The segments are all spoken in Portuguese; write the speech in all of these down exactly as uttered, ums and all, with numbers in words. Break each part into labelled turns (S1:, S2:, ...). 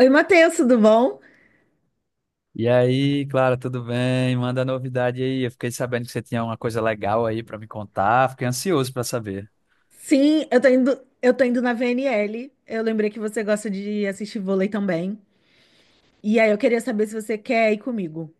S1: Oi, Matheus, tudo bom?
S2: E aí, Clara, tudo bem? Manda novidade aí. Eu fiquei sabendo que você tinha uma coisa legal aí pra me contar. Fiquei ansioso pra saber.
S1: Sim, eu tô indo, eu tô indo na V N L. Eu lembrei que você gosta de assistir vôlei também. E aí eu queria saber se você quer ir comigo.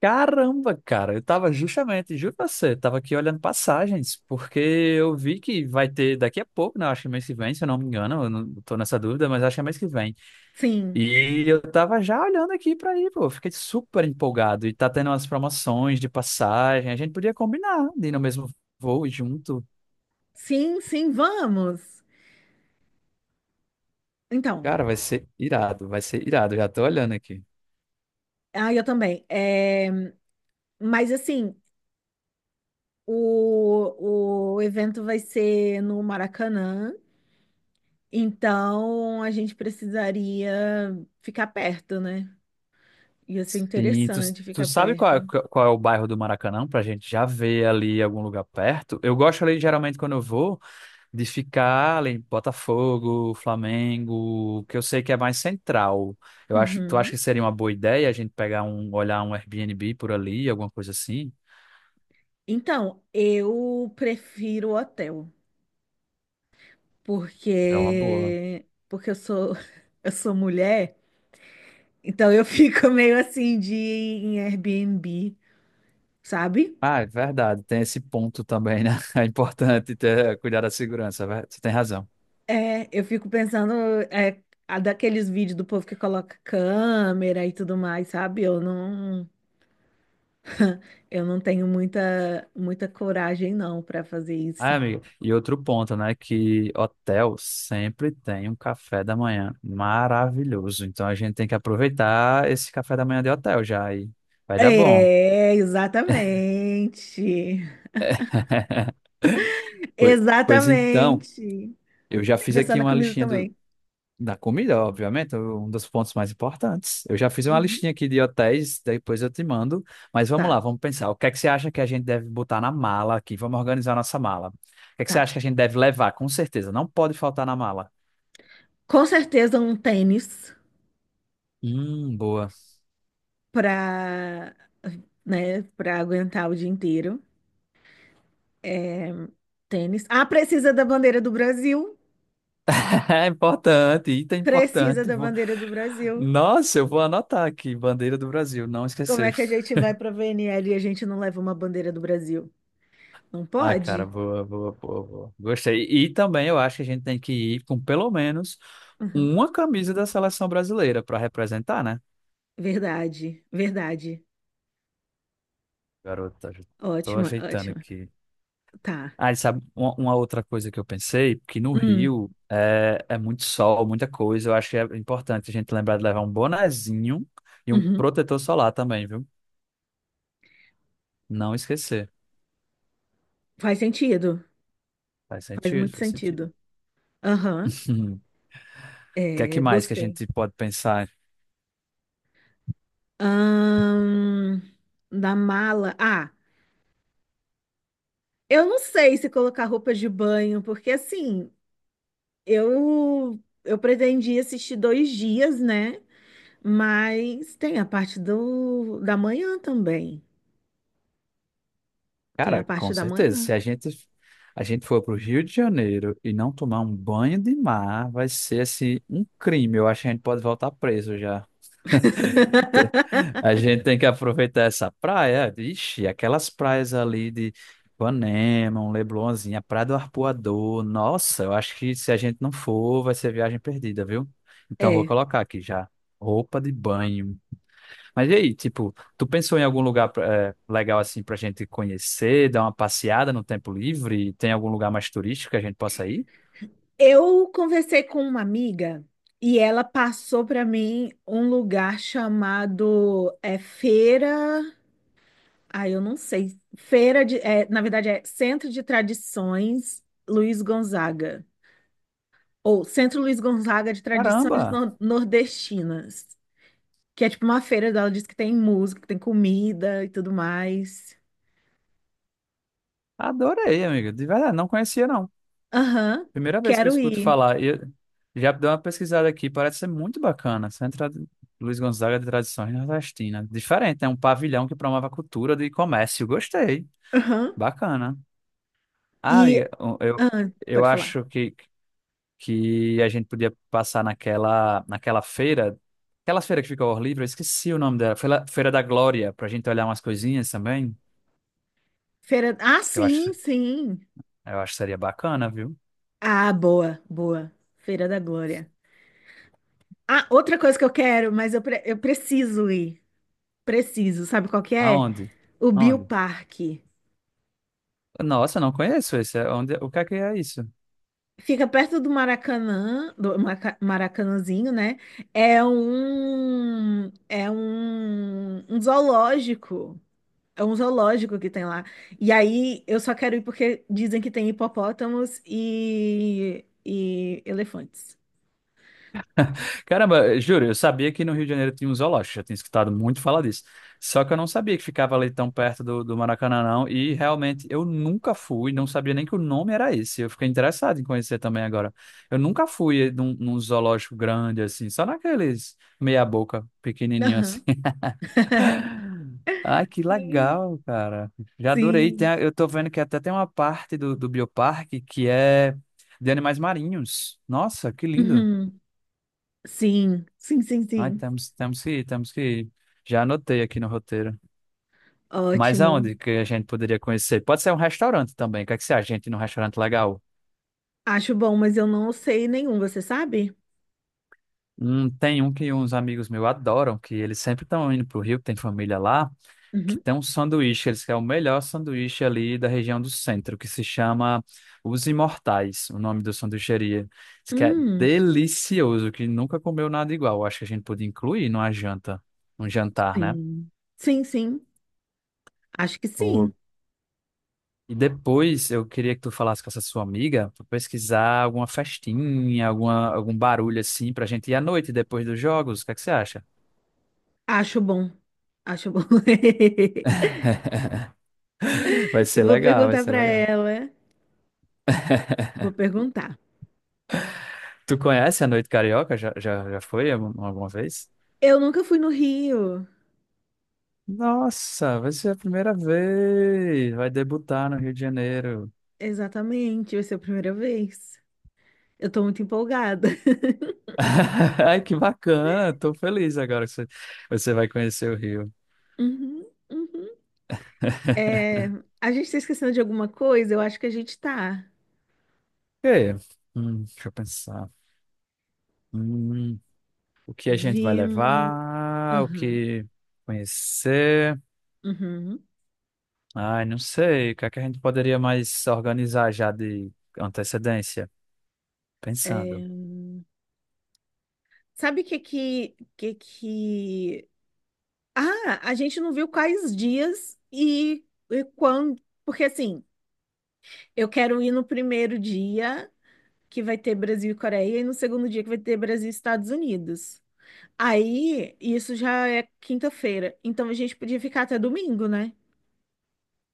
S2: Caramba, cara, eu tava justamente, juro pra você, tava aqui olhando passagens, porque eu vi que vai ter daqui a pouco, né? Acho que mês que vem, se eu não me engano, eu não tô nessa dúvida, mas acho que é mês que vem.
S1: Sim,
S2: E eu tava já olhando aqui pra ir, pô, fiquei super empolgado. E tá tendo umas promoções de passagem, a gente podia combinar de ir no mesmo voo junto.
S1: sim, sim, vamos. Então,
S2: Cara, vai ser irado, vai ser irado, já tô olhando aqui.
S1: ah, eu também. É, mas assim, o, o evento vai ser no Maracanã, então a gente precisaria ficar perto, né? Ia ser
S2: Sim, tu,
S1: interessante
S2: tu
S1: ficar
S2: sabe qual é,
S1: perto.
S2: qual é o bairro do Maracanã, pra gente já ver ali algum lugar perto? Eu gosto ali, geralmente, quando eu vou, de ficar ali em Botafogo, Flamengo, que eu sei que é mais central. Eu acho, tu acha
S1: Uhum.
S2: que seria uma boa ideia a gente pegar um, olhar um Airbnb por ali, alguma coisa assim?
S1: Então, eu prefiro o hotel,
S2: É uma boa.
S1: porque porque eu sou eu sou mulher, então eu fico meio assim de ir em Airbnb, sabe?
S2: Ah, é verdade, tem esse ponto também, né? É importante ter, cuidar da segurança, é ver- você tem razão.
S1: É, eu fico pensando é, a daqueles vídeos do povo que coloca câmera e tudo mais, sabe? Eu não eu não tenho muita muita coragem não para fazer
S2: Ah,
S1: isso.
S2: amigo, e outro ponto, né, que hotel sempre tem um café da manhã maravilhoso. Então a gente tem que aproveitar esse café da manhã de hotel já e vai dar bom.
S1: É, exatamente.
S2: Pois pois então,
S1: Exatamente.
S2: eu já
S1: Tem que
S2: fiz
S1: pensar
S2: aqui
S1: na
S2: uma
S1: comida
S2: listinha do,
S1: também.
S2: da comida, obviamente, um dos pontos mais importantes. Eu já fiz uma
S1: Uhum.
S2: listinha aqui de hotéis, depois eu te mando. Mas vamos
S1: Tá,
S2: lá, vamos pensar. O que é que você acha que a gente deve botar na mala aqui? Vamos organizar a nossa mala. O que é que você
S1: tá.
S2: acha que a gente deve levar? Com certeza, não pode faltar na mala.
S1: Com certeza um tênis
S2: Hum, boa.
S1: para né, para aguentar o dia inteiro. É, tênis. Ah, precisa da bandeira do Brasil.
S2: É importante, item
S1: Precisa
S2: importante.
S1: da
S2: Vou-
S1: bandeira do Brasil.
S2: Nossa, eu vou anotar aqui, bandeira do Brasil, não
S1: Como é
S2: esquecer.
S1: que a gente vai para a V N L e a gente não leva uma bandeira do Brasil? Não
S2: Ah, cara,
S1: pode?
S2: boa, boa, boa, boa. Gostei. E também eu acho que a gente tem que ir com pelo menos
S1: Uhum.
S2: uma camisa da seleção brasileira para representar, né?
S1: Verdade, verdade.
S2: Garota, já tô
S1: Ótima,
S2: ajeitando
S1: ótima.
S2: aqui.
S1: Tá.
S2: Ah, e sabe, uma, uma outra coisa que eu pensei, que no
S1: Hum,
S2: Rio é, é muito sol, muita coisa. Eu acho que é importante a gente lembrar de levar um bonezinho e um
S1: uhum.
S2: protetor solar também, viu? Não esquecer.
S1: Faz sentido,
S2: Faz
S1: faz
S2: sentido,
S1: muito
S2: faz sentido.
S1: sentido. Aham,
S2: O que é que
S1: é,
S2: mais que a
S1: gostei.
S2: gente pode pensar?
S1: Ahn, da mala. Ah, eu não sei se colocar roupa de banho, porque assim, eu eu pretendi assistir dois dias, né? Mas tem a parte do da manhã também. Tem a
S2: Cara,
S1: parte
S2: com
S1: da
S2: certeza,
S1: manhã.
S2: se a gente a gente for para o Rio de Janeiro e não tomar um banho de mar, vai ser assim um crime. Eu acho que a gente pode voltar preso já. Te- A gente tem que aproveitar essa praia. Ixi, aquelas praias ali de Ipanema, um Leblonzinho, a Praia do Arpoador. Nossa, eu acho que se a gente não for, vai ser viagem perdida, viu? Então vou
S1: É.
S2: colocar aqui já. Roupa de banho. Mas e aí, tipo, tu pensou em algum lugar eh, legal assim pra gente conhecer, dar uma passeada no tempo livre? Tem algum lugar mais turístico que a gente possa ir?
S1: Eu conversei com uma amiga e ela passou para mim um lugar chamado é, Feira. Ah, eu não sei. Feira de, é, na verdade, é Centro de Tradições Luiz Gonzaga. Ou Centro Luiz Gonzaga de Tradições
S2: Caramba,
S1: Nor- Nordestinas. Que é tipo uma feira, dela diz que tem música, que tem comida e tudo mais.
S2: adorei, amigo. De verdade, não conhecia não.
S1: Aham,
S2: Primeira vez que eu
S1: quero
S2: escuto
S1: ir.
S2: falar. E eu já dei uma pesquisada aqui, parece ser muito bacana. Centro Ad- Luiz Gonzaga de Tradições Nordestinas. Diferente, é um pavilhão que promove a cultura de comércio. Gostei.
S1: Aham.
S2: Bacana. Ah,
S1: E.
S2: amiga, eu,
S1: Ah,
S2: eu
S1: pode falar.
S2: acho que que a gente podia passar naquela, naquela feira, aquela feira que fica ao ar livre, eu esqueci o nome dela, Feira, Feira da Glória, pra gente olhar umas coisinhas também.
S1: Feira. Ah,
S2: Eu acho,
S1: sim, sim.
S2: eu acho que seria bacana, viu?
S1: Ah, boa, boa. Feira da Glória. Ah, outra coisa que eu quero, mas eu, pre- eu preciso ir. Preciso, sabe qual que é?
S2: Aonde?
S1: O
S2: Aonde?
S1: Bioparque.
S2: Nossa, eu não conheço esse. É Onde, o que é que é isso?
S1: Fica perto do Maracanã, do Maca- Maracanãzinho, né? É um, é um, um zoológico. É um zoológico que tem lá. E aí eu só quero ir porque dizem que tem hipopótamos e, e elefantes.
S2: Caramba, juro, eu sabia que no Rio de Janeiro tinha um zoológico, já tinha escutado muito falar disso. Só que eu não sabia que ficava ali tão perto do, do Maracanã, não. E realmente eu nunca fui, não sabia nem que o nome era esse. Eu fiquei interessado em conhecer também agora. Eu nunca fui num, num zoológico grande assim, só naqueles meia-boca, pequenininho assim.
S1: Aham.
S2: Ai, que
S1: Sim.
S2: legal, cara. Já adorei. Tem
S1: Sim.
S2: a- eu tô vendo que até tem uma parte do, do bioparque que é de animais marinhos. Nossa, que lindo.
S1: Uhum. Sim, sim, sim,
S2: Ai,
S1: sim.
S2: temos, temos que ir, temos que ir. Já anotei aqui no roteiro. Mas
S1: Ótimo.
S2: aonde que a gente poderia conhecer? Pode ser um restaurante também. O que é que você acha, gente, num restaurante legal?
S1: Acho bom, mas eu não sei nenhum, você sabe?
S2: Hum, tem um que uns amigos meus adoram, que eles sempre estão indo pro Rio, que tem família lá, que
S1: Uhum.
S2: tem um sanduíche, eles querem o melhor sanduíche ali da região do centro, que se chama Os Imortais, o nome da sanduicheria. Diz que é
S1: Hum,
S2: delicioso, que nunca comeu nada igual. Acho que a gente podia incluir numa janta, um jantar, né?
S1: sim. Sim, sim. Acho que sim.
S2: E depois eu queria que tu falasse com essa sua amiga pra pesquisar alguma festinha, alguma, algum barulho assim pra gente ir à noite depois dos jogos. O que é que você acha?
S1: Acho bom. Acho bom.
S2: Vai
S1: Eu
S2: ser
S1: vou
S2: legal, vai
S1: perguntar
S2: ser
S1: pra
S2: legal.
S1: ela. Vou perguntar.
S2: Tu conhece a Noite Carioca? Já, já, já foi algum- alguma vez?
S1: Eu nunca fui no Rio.
S2: Nossa, vai ser a primeira vez. Vai debutar no Rio de Janeiro.
S1: Exatamente, vai ser a primeira vez. Eu tô muito empolgada.
S2: Ai, que bacana. Tô feliz agora que você, você vai conhecer o Rio.
S1: Uhum, uhum. É, a gente tá esquecendo de alguma coisa? Eu acho que a gente tá.
S2: E, hum, deixa eu pensar. O que a gente vai
S1: Vimos.
S2: levar? O
S1: Uhum,
S2: que conhecer?
S1: uhum.
S2: Ai, não sei. O que é que a gente poderia mais organizar já de antecedência? Pensando.
S1: É, sabe o que que, que que... ah, a gente não viu quais dias e, e quando. Porque assim. Eu quero ir no primeiro dia, que vai ter Brasil e Coreia, e no segundo dia, que vai ter Brasil e Estados Unidos. Aí, isso já é quinta-feira. Então a gente podia ficar até domingo, né?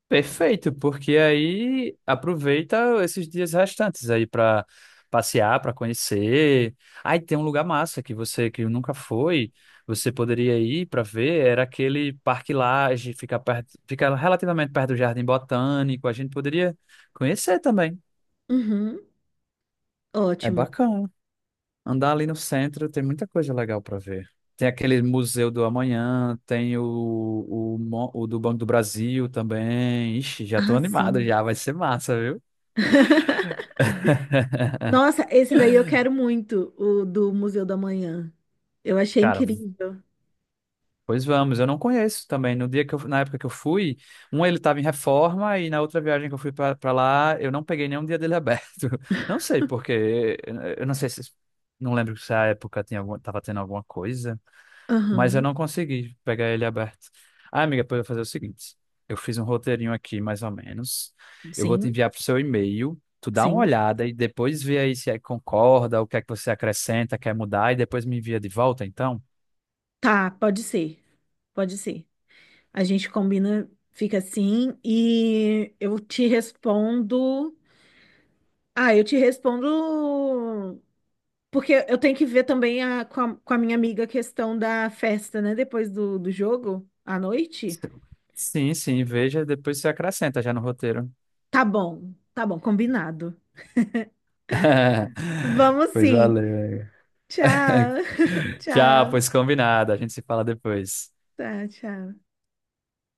S2: Perfeito, porque aí aproveita esses dias restantes aí para passear, para conhecer. Aí tem um lugar massa que você que nunca foi, você poderia ir para ver, era aquele Parque Lage, fica perto, fica relativamente perto do Jardim Botânico, a gente poderia conhecer também.
S1: Uhum,
S2: É
S1: ótimo.
S2: bacana. Andar ali no centro tem muita coisa legal para ver. Tem aquele Museu do Amanhã, tem o, o, mo- o do Banco do Brasil também. Ixi, já tô
S1: Ah,
S2: animado
S1: sim.
S2: já, vai ser massa, viu?
S1: Nossa, esse daí eu quero muito, o do Museu da Manhã. Eu achei
S2: Cara,
S1: incrível.
S2: pois vamos, eu não conheço também. No dia que eu, na época que eu fui, um ele estava em reforma e na outra viagem que eu fui pra pra lá, eu não peguei nenhum dia dele aberto. Não sei porque, eu não sei se, não lembro se a época tinha alguma, tava tendo alguma coisa. Mas eu
S1: Aham,
S2: não consegui pegar ele aberto. Ah, amiga, pode fazer o seguinte: eu fiz um roteirinho aqui, mais ou menos. Eu vou te
S1: sim,
S2: enviar pro seu e-mail. Tu dá uma
S1: sim.
S2: olhada e depois vê aí se é- que concorda, o que é que você acrescenta, quer mudar, e depois me envia de volta, então?
S1: Tá, pode ser, pode ser. A gente combina, fica assim, e eu te respondo. Ah, eu te respondo porque eu tenho que ver também a- com a, com a minha amiga a questão da festa, né? Depois do, do jogo, à noite.
S2: Sim, sim, veja, depois você acrescenta já no roteiro.
S1: Tá bom, tá bom, combinado. Vamos
S2: Pois
S1: sim.
S2: valeu. amiga.
S1: Tchau,
S2: Tchau,
S1: tchau,
S2: pois combinado. A gente se fala depois.
S1: tá, tchau.